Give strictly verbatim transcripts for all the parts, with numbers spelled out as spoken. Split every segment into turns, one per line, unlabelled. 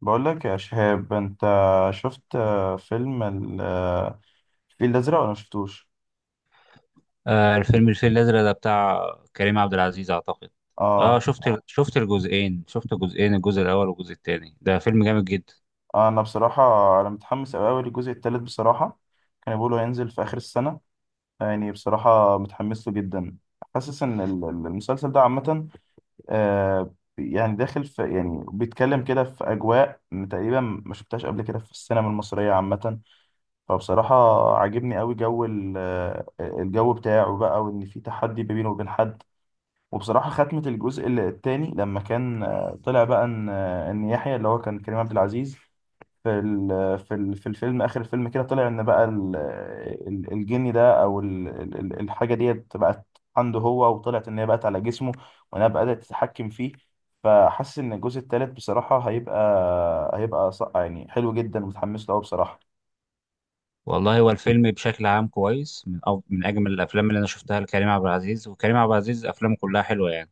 بقول لك يا شهاب، انت شفت آه، فيلم ال- آه، الفيل الازرق ولا ما شفتوش؟
آه الفيلم الفيل الأزرق ده بتاع كريم عبد العزيز أعتقد. اه،
اه.
شفت. آه. شفت الجزئين، شفت جزئين، الجزء الأول والجزء التاني. ده فيلم جامد جدا.
انا بصراحه انا متحمس قوي قوي للجزء الثالث بصراحه. كانوا بيقولوا هينزل في اخر السنه، يعني بصراحه متحمس له جدا. حاسس ان ال- ال- المسلسل ده عامه آه، يعني داخل في يعني بيتكلم كده في اجواء تقريبا ما شفتهاش قبل كده في السينما المصريه عامه. فبصراحه عاجبني قوي جو ال- آه، الجو بتاعه بقى، وان في تحدي ما بينه وبين حد. وبصراحة ختمة الجزء الثاني لما كان آه، طلع بقى ان آه، ان يحيى اللي هو كان كريم عبد العزيز في ال- في ال- في الفيلم، اخر الفيلم كده طلع ان بقى ال- ال- الجني ده او ال- ال- ال- الحاجة ديت بقت عنده هو، وطلعت ان هي بقت على جسمه، وانها بدأت تتحكم فيه. فحاسس ان الجزء الثالث بصراحة هيبقى هيبقى ص- يعني حلو جدا، ومتحمس له أوي بصراحة.
والله، هو الفيلم بشكل عام كويس، من أف... من أجمل الأفلام اللي أنا شفتها لكريم عبد العزيز. وكريم عبد العزيز أفلامه كلها حلوة يعني.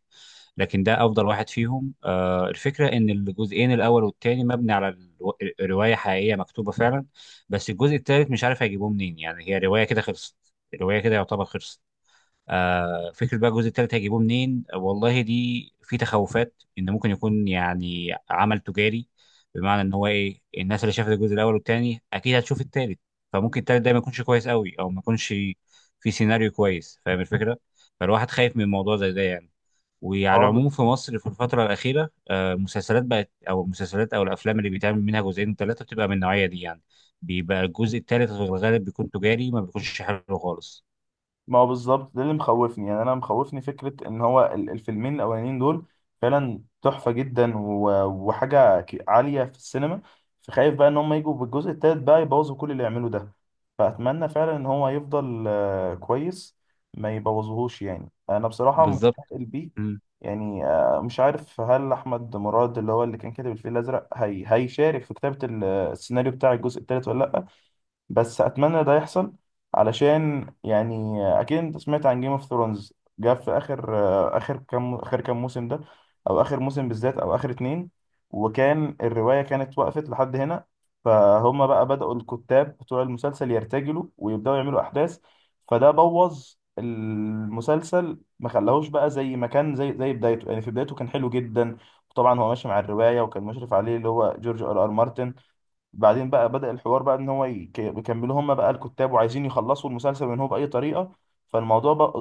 لكن ده أفضل واحد فيهم. آه الفكرة إن الجزئين الأول والتاني مبني على الو... رواية حقيقية مكتوبة فعلا. بس الجزء التالت مش عارف هيجيبوه منين، يعني هي رواية كده خلصت. الرواية كده يعتبر خلصت. آه، فكرة بقى الجزء التالت هيجيبوه منين؟ آه، والله دي في تخوفات ان ممكن يكون يعني عمل تجاري. بمعنى ان هو ايه، الناس اللي شافت الجزء الاول والتاني اكيد هتشوف التالت. فممكن التالت ده ما يكونش كويس قوي، او ما يكونش في سيناريو كويس، فاهم الفكرة. فالواحد خايف من موضوع زي ده يعني. وعلى
اه.
العموم في مصر في الفترة الأخيرة، آه، المسلسلات بقت، أو المسلسلات أو الأفلام اللي بيتعمل منها جزئين وثلاثة بتبقى من النوعية دي يعني. بيبقى الجزء التالت في الغالب بيكون تجاري، ما بيكونش حلو خالص.
ما هو بالظبط ده اللي مخوفني، يعني انا مخوفني فكره ان هو ال- الفيلمين الاولانيين دول فعلا تحفه جدا، و- وحاجه ك- عاليه في السينما. فخايف بقى ان هم يجوا بالجزء التالت بقى يبوظوا كل اللي يعملوا ده. فاتمنى فعلا ان هو يفضل آه، كويس، ما يبوظهوش. يعني انا بصراحه
بالظبط.
متفائل بيه. يعني آه، مش عارف هل احمد مراد اللي هو اللي كان كاتب الفيل الازرق هي هيشارك في كتابه ال- السيناريو بتاع الجزء التالت ولا لا، بس اتمنى ده يحصل. علشان يعني اكيد انت سمعت عن جيم اوف ثرونز، جاب في اخر اخر كام اخر كام موسم ده، او اخر موسم بالذات او اخر اتنين، وكان الرواية كانت وقفت لحد هنا. فهم بقى بدأوا الكتاب بتوع المسلسل يرتجلوا ويبدأوا يعملوا احداث، فده بوظ المسلسل، ما خلاهوش بقى زي ما كان، زي زي بدايته. يعني في بدايته كان حلو جدا. وطبعا هو ماشي مع الرواية، وكان مشرف عليه اللي هو جورج ار ار مارتن. بعدين بقى بدأ الحوار بقى ان هو يك- يكملوا هم بقى الكتاب، وعايزين يخلصوا المسلسل من هو بأي طريقة. فالموضوع بق-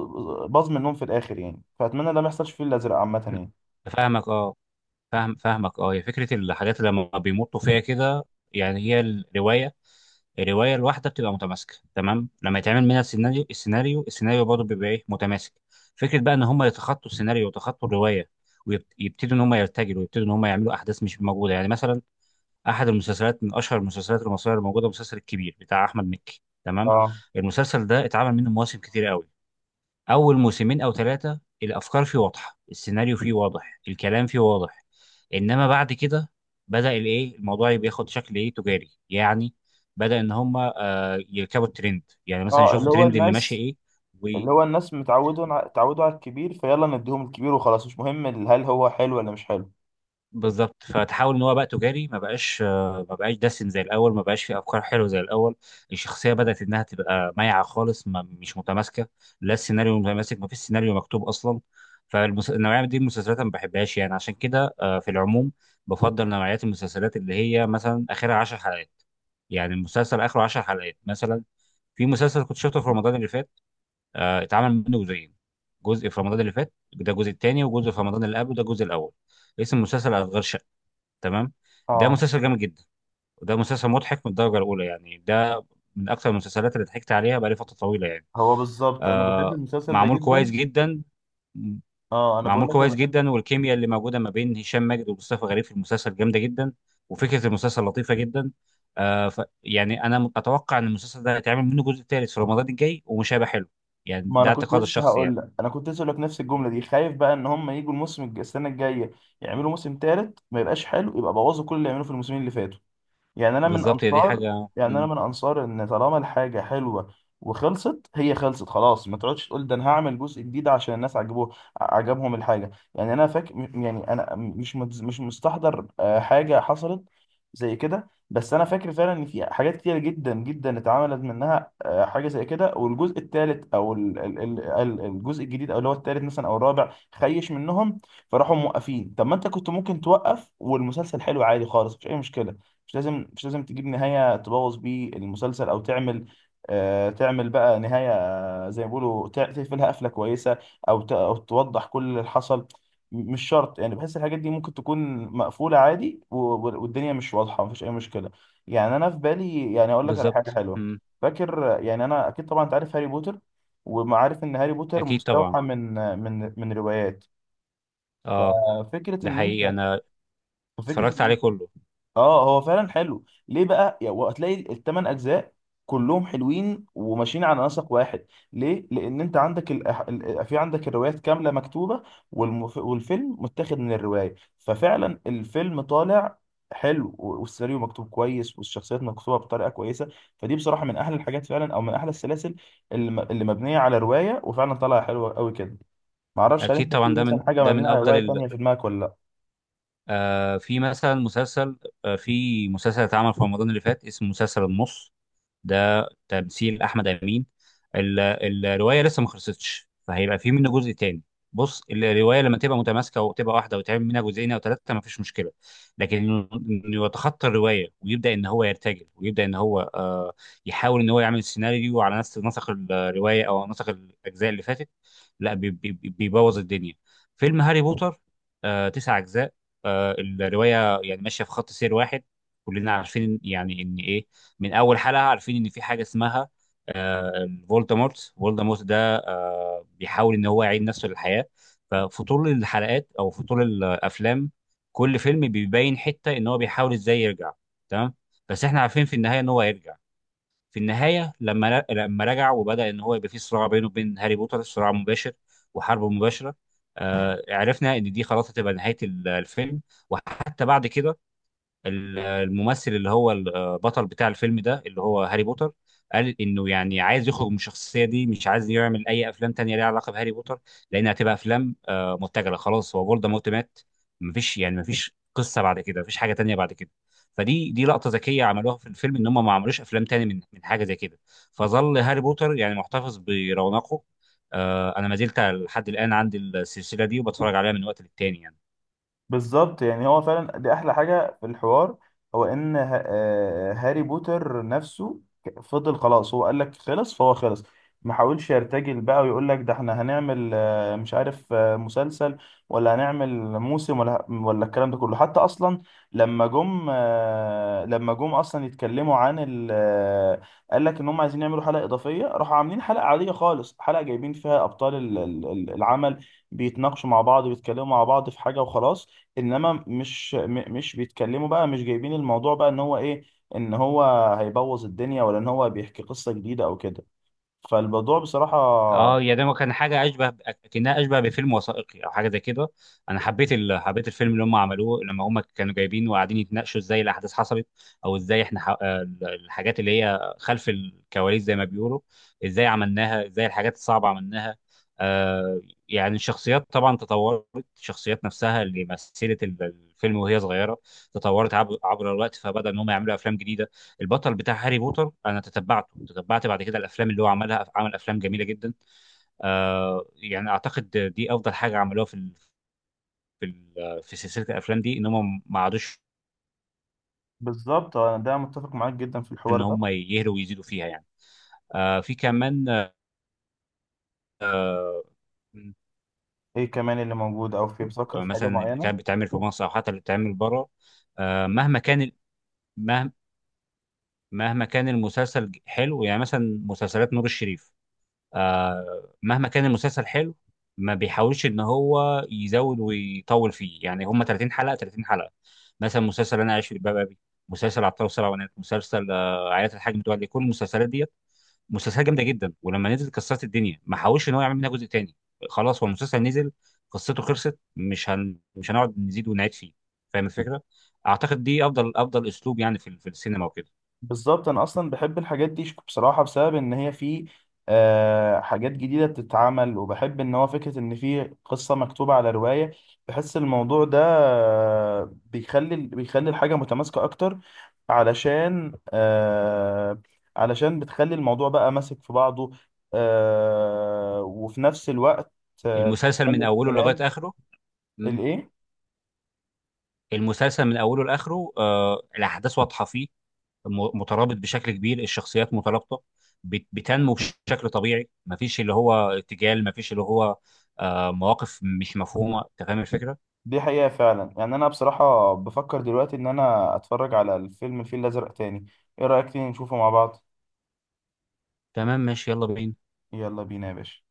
باظ منهم في الآخر، يعني. فأتمنى ده ما يحصلش فيه الأزرق عامة يعني.
فاهمك، اه. فاهم فاهمك، اه. هي فكره الحاجات اللي لما بيمطوا فيها كده. يعني هي الروايه الروايه الواحده بتبقى متماسكه تمام، لما يتعمل منها السيناريو، السيناريو السيناريو برضه بيبقى ايه، متماسك. فكره بقى ان هم يتخطوا السيناريو ويتخطوا الروايه، ويبتدوا ان هم يرتجلوا، ويبتدوا ان هم يعملوا احداث مش موجوده. يعني مثلا، احد المسلسلات من اشهر المسلسلات المصريه الموجوده، مسلسل الكبير بتاع احمد مكي، تمام.
اه.
المسلسل ده اتعمل منه مواسم كتير قوي. اول موسمين او ثلاثه، الافكار فيه واضحه، السيناريو فيه واضح، الكلام فيه واضح. انما بعد كده بدا الايه، الموضوع بياخد شكل ايه، تجاري يعني. بدا ان هم آه يركبوا الترند، يعني مثلا
اه،
يشوفوا
اللي هو
الترند اللي ماشي
الناس
ايه.
اللي هو الناس متعودوا اتعودوا على الكبير، فيلا نديهم الكبير وخلاص، مش مهم ال- هل هو حلو ولا مش حلو.
بالظبط. فتحاول ان هو بقى تجاري، ما بقاش، آه، ما بقاش دسم زي الاول، ما بقاش فيه افكار حلوه زي الاول. الشخصيه بدات انها تبقى مايعه خالص، ما مش متماسكه، لا السيناريو متماسك، ما فيش سيناريو مكتوب اصلا. فالنوعيه دي من المسلسلات أنا ما بحبهاش يعني. عشان كده آه، في العموم بفضل نوعيات المسلسلات اللي هي مثلا اخرها 10 حلقات. يعني المسلسل اخره 10 حلقات مثلا. في مسلسل كنت شفته في رمضان اللي فات، آه، اتعمل منه جزئين. جزء في رمضان اللي فات، ده الجزء الثاني، وجزء في رمضان اللي قبله، ده الجزء الاول. اسم المسلسل أشغال شقة، تمام. ده
اه.
مسلسل جامد جدا. وده مسلسل مضحك من الدرجه الاولى. يعني ده من اكثر المسلسلات اللي ضحكت عليها بقالي فتره طويله يعني.
هو بالظبط انا بحب
آه
المسلسل ده
معمول كويس
جدا.
جدا.
اه، انا بقول
معمول
لك، انا
كويس
بحب.
جدا، والكيمياء اللي موجوده ما بين هشام ماجد ومصطفى غريب في المسلسل جامده جدا. وفكره المسلسل لطيفه جدا. آه ف يعني انا اتوقع ان المسلسل ده هيتعمل منه جزء ثالث في رمضان الجاي، ومش هيبقى حلو. يعني
ما
ده
انا كنت
اعتقاد
لسه
الشخصي
هقول
يعني.
لك انا كنت لسه هقول لك نفس الجمله دي. خايف بقى ان هم يجوا الموسم الج- السنه الجايه، يعملوا موسم تالت ما يبقاش حلو، يبقى بوظوا كل اللي عملوه في الموسمين اللي فاتوا. يعني انا من
بالظبط، هي دي
انصار
حاجه،
يعني انا
مم.
من انصار ان طالما الحاجه حلوه وخلصت، هي خلصت خلاص. ما تقعدش تقول ده انا هعمل جزء جديد عشان الناس عجبوه عجبهم الحاجه. يعني انا فاكر، يعني انا مش متز- مش مستحضر آه، حاجه حصلت زي كده، بس انا فاكر فعلا ان في حاجات كتير جدا جدا اتعملت منها آه، حاجه زي كده، والجزء الثالث او ال- ال- ال- ال- الجزء الجديد، او اللي هو الثالث مثلا او الرابع، خيش منهم، فراحوا موقفين. طب ما انت كنت ممكن توقف والمسلسل حلو عادي خالص، مش اي مشكله. مش لازم مش لازم تجيب نهاية تبوظ بيه المسلسل، او تعمل آه تعمل بقى نهاية، آه، زي ما بيقولوا تع- تقفلها قفلة كويسة، او ت- او توضح كل اللي حصل. م- مش شرط. يعني بحس الحاجات دي ممكن تكون مقفولة عادي، و- و- والدنيا مش واضحة، مفيش اي مشكلة. يعني انا في بالي، يعني اقول لك على حاجة
بالظبط،
حلوة.
مم.
فاكر، يعني انا اكيد طبعا انت عارف هاري بوتر، ومعارف ان هاري بوتر
اكيد طبعا.
مستوحى من من من روايات.
اه،
آه، فكرة
ده
ان
حقيقي،
انت
انا
فكرة
اتفرجت عليه كله.
اه، هو فعلا حلو. ليه بقى؟ يا- وهتلاقي الثمان اجزاء كلهم حلوين وماشيين على نسق واحد. ليه؟ لان انت عندك ال... ال- في عندك الروايات كامله مكتوبه، والمف... والفيلم متاخد من الروايه. ففعلا الفيلم طالع حلو، و- والسيناريو مكتوب كويس، والشخصيات مكتوبه بطريقه كويسه. فدي بصراحه من احلى الحاجات فعلا، او من احلى السلاسل اللي, م... اللي مبنيه على روايه وفعلا طالعه حلوه قوي كده. معرفش هل
اكيد
انت في
طبعا. ده من
مثلا حاجه
ده من
مبنيه على
افضل
روايه
ال...
تانيه في دماغك ولا لا.
آه في مثلا مسلسل، آه في مسلسل اتعمل في رمضان اللي فات اسمه مسلسل النص. ده تمثيل احمد امين. ال- ال- الروايه لسه ما خلصتش، فهيبقى في منه جزء تاني. بص، الروايه لما تبقى متماسكه وتبقى واحده وتعمل منها جزئين او ثلاثه، ما فيش مشكله. لكن انه إنه يتخطى الروايه، ويبدا ان هو يرتجل، ويبدا ان هو آه يحاول ان هو يعمل سيناريو على نفس نسق الروايه او نسق الاجزاء اللي فاتت، لا، بي- بي- بي- بيبوظ الدنيا. فيلم هاري بوتر، آه تسع اجزاء. آه الروايه يعني ماشيه في خط سير واحد. كلنا عارفين يعني ان ايه، من اول حلقه عارفين ان في حاجه اسمها آه فولدمورت. فولدمورت ده آه، بيحاول ان هو يعيد نفسه للحياه. ففي طول الحلقات او في طول الافلام، كل فيلم بيبين حته ان هو بيحاول ازاي يرجع، تمام. بس احنا عارفين في النهايه ان هو هيرجع. في النهايه، لما لما رجع وبدا ان هو يبقى في صراع بينه وبين هاري بوتر، صراع مباشر وحرب مباشره. آه، عرفنا ان دي خلاص هتبقى نهايه ال- الفيلم. وحتى بعد كده، ال- الممثل اللي هو البطل بتاع الفيلم ده، اللي هو هاري بوتر، قال انه يعني عايز يخرج من الشخصيه دي، مش عايز يعمل اي افلام تانية ليها علاقه بهاري بوتر، لان هتبقى افلام آه، متجله. خلاص هو فولدمورت مات. مفيش يعني، مفيش قصه بعد كده، مفيش حاجه تانية بعد كده. فدي دي لقطه ذكيه عملوها في الفيلم، ان هم ما عملوش افلام تاني من من حاجه زي كده. فظل هاري بوتر يعني محتفظ برونقه. آه، انا ما زلت لحد الان عندي السلسله دي، وبتفرج عليها من وقت للتاني يعني.
بالظبط، يعني هو فعلا دي احلى حاجه في الحوار. هو ان ه- آه، هاري بوتر نفسه ك- فضل خلاص. هو قال لك خلص، فهو خلص. ما حاولش يرتجل بقى، ويقول لك ده احنا هنعمل آه، مش عارف آه، مسلسل، ولا هنعمل موسم، ولا ولا الكلام ده كله حتى اصلا. لما جم آه، لما جم اصلا يتكلموا عن ال آه، قال لك ان هم عايزين يعملوا حلقه اضافيه، راحوا عاملين حلقه عاديه خالص، حلقه جايبين فيها ابطال ال- ال- العمل بيتناقشوا مع بعض، وبيتكلموا مع بعض في حاجه وخلاص. انما مش م- مش بيتكلموا بقى، مش جايبين الموضوع بقى ان هو ايه، ان هو هيبوظ الدنيا، ولا ان هو بيحكي قصة جديدة او كده. فالموضوع بصراحة
اه يا، ده كان حاجه اشبه، كانها اشبه بفيلم وثائقي او حاجه زي كده. انا حبيت ال... حبيت الفيلم اللي هم عملوه لما هم كانوا جايبين وقاعدين يتناقشوا ازاي الاحداث حصلت، او ازاي احنا ح... آه، الحاجات اللي هي خلف الكواليس زي ما بيقولوا، ازاي عملناها، ازاي الحاجات الصعبه عملناها. آه يعني الشخصيات طبعا تطورت. الشخصيات نفسها اللي مثلت ال- الفيلم وهي صغيره تطورت عبر, عبر الوقت. فبدا ان هم يعملوا افلام جديده. البطل بتاع هاري بوتر انا تتبعته تتبعت بعد كده الافلام اللي هو عملها، عمل افلام جميله جدا. آه يعني اعتقد دي افضل حاجه عملوها في ال- في ال- في سلسله الافلام دي، ان هم ما عادوش
بالظبط، انا ده متفق معاك جدا في
ان
الحوار ده.
هم يهلوا ويزيدوا فيها يعني. آه في كمان. آه
ايه كمان اللي موجود، او في بتفكر في حاجة
مثلا اللي
معينة؟
كان بيتعمل في مصر او حتى اللي بيتعمل بره، آه مهما كان ال- مه- مهما كان المسلسل حلو، يعني مثلا مسلسلات نور الشريف. آه، مهما كان المسلسل حلو، ما بيحاولش ان هو يزود ويطول فيه. يعني هم 30 حلقه، 30 حلقه. مثلا مسلسل انا عايش في جلباب ابي، مسلسل عطار وسبع بنات، مسلسل آه، عائله الحاج متولي، كل المسلسلات ديت. مسلسلات جامده جدا ولما نزلت كسرت الدنيا، ما حاولش ان هو يعمل منها جزء تاني. خلاص هو المسلسل نزل، قصته خلصت، مش هن... مش هنقعد نزيد ونعيد فيه، فاهم الفكره. اعتقد دي افضل افضل اسلوب يعني في في السينما وكده.
بالظبط، انا اصلا بحب الحاجات دي بصراحه بسبب ان هي في آه، حاجات جديده بتتعمل، وبحب ان هو فكره ان في قصه مكتوبه على روايه. بحس الموضوع ده آه، بيخلي بيخلي الحاجه متماسكه اكتر، علشان آه، علشان بتخلي الموضوع بقى ماسك في بعضه، آه، وفي نفس الوقت آه،
المسلسل
بتخلي
من اوله لغايه
الكلام
اخره.
الايه.
المسلسل من اوله لاخره آه الاحداث واضحه فيه، م- مترابط بشكل كبير، الشخصيات مترابطه، بت- بتنمو بشكل طبيعي. مفيش اللي هو ارتجال، مفيش اللي هو آه مواقف مش مفهومه، انت فاهم الفكره.
دي حقيقة فعلا، يعني أنا بصراحة بفكر دلوقتي إن أنا أتفرج على الفيلم الفيل الأزرق تاني. إيه رأيك تيجي نشوفه مع بعض؟
تمام، ماشي، يلا بينا.
يلا بينا يا باشا.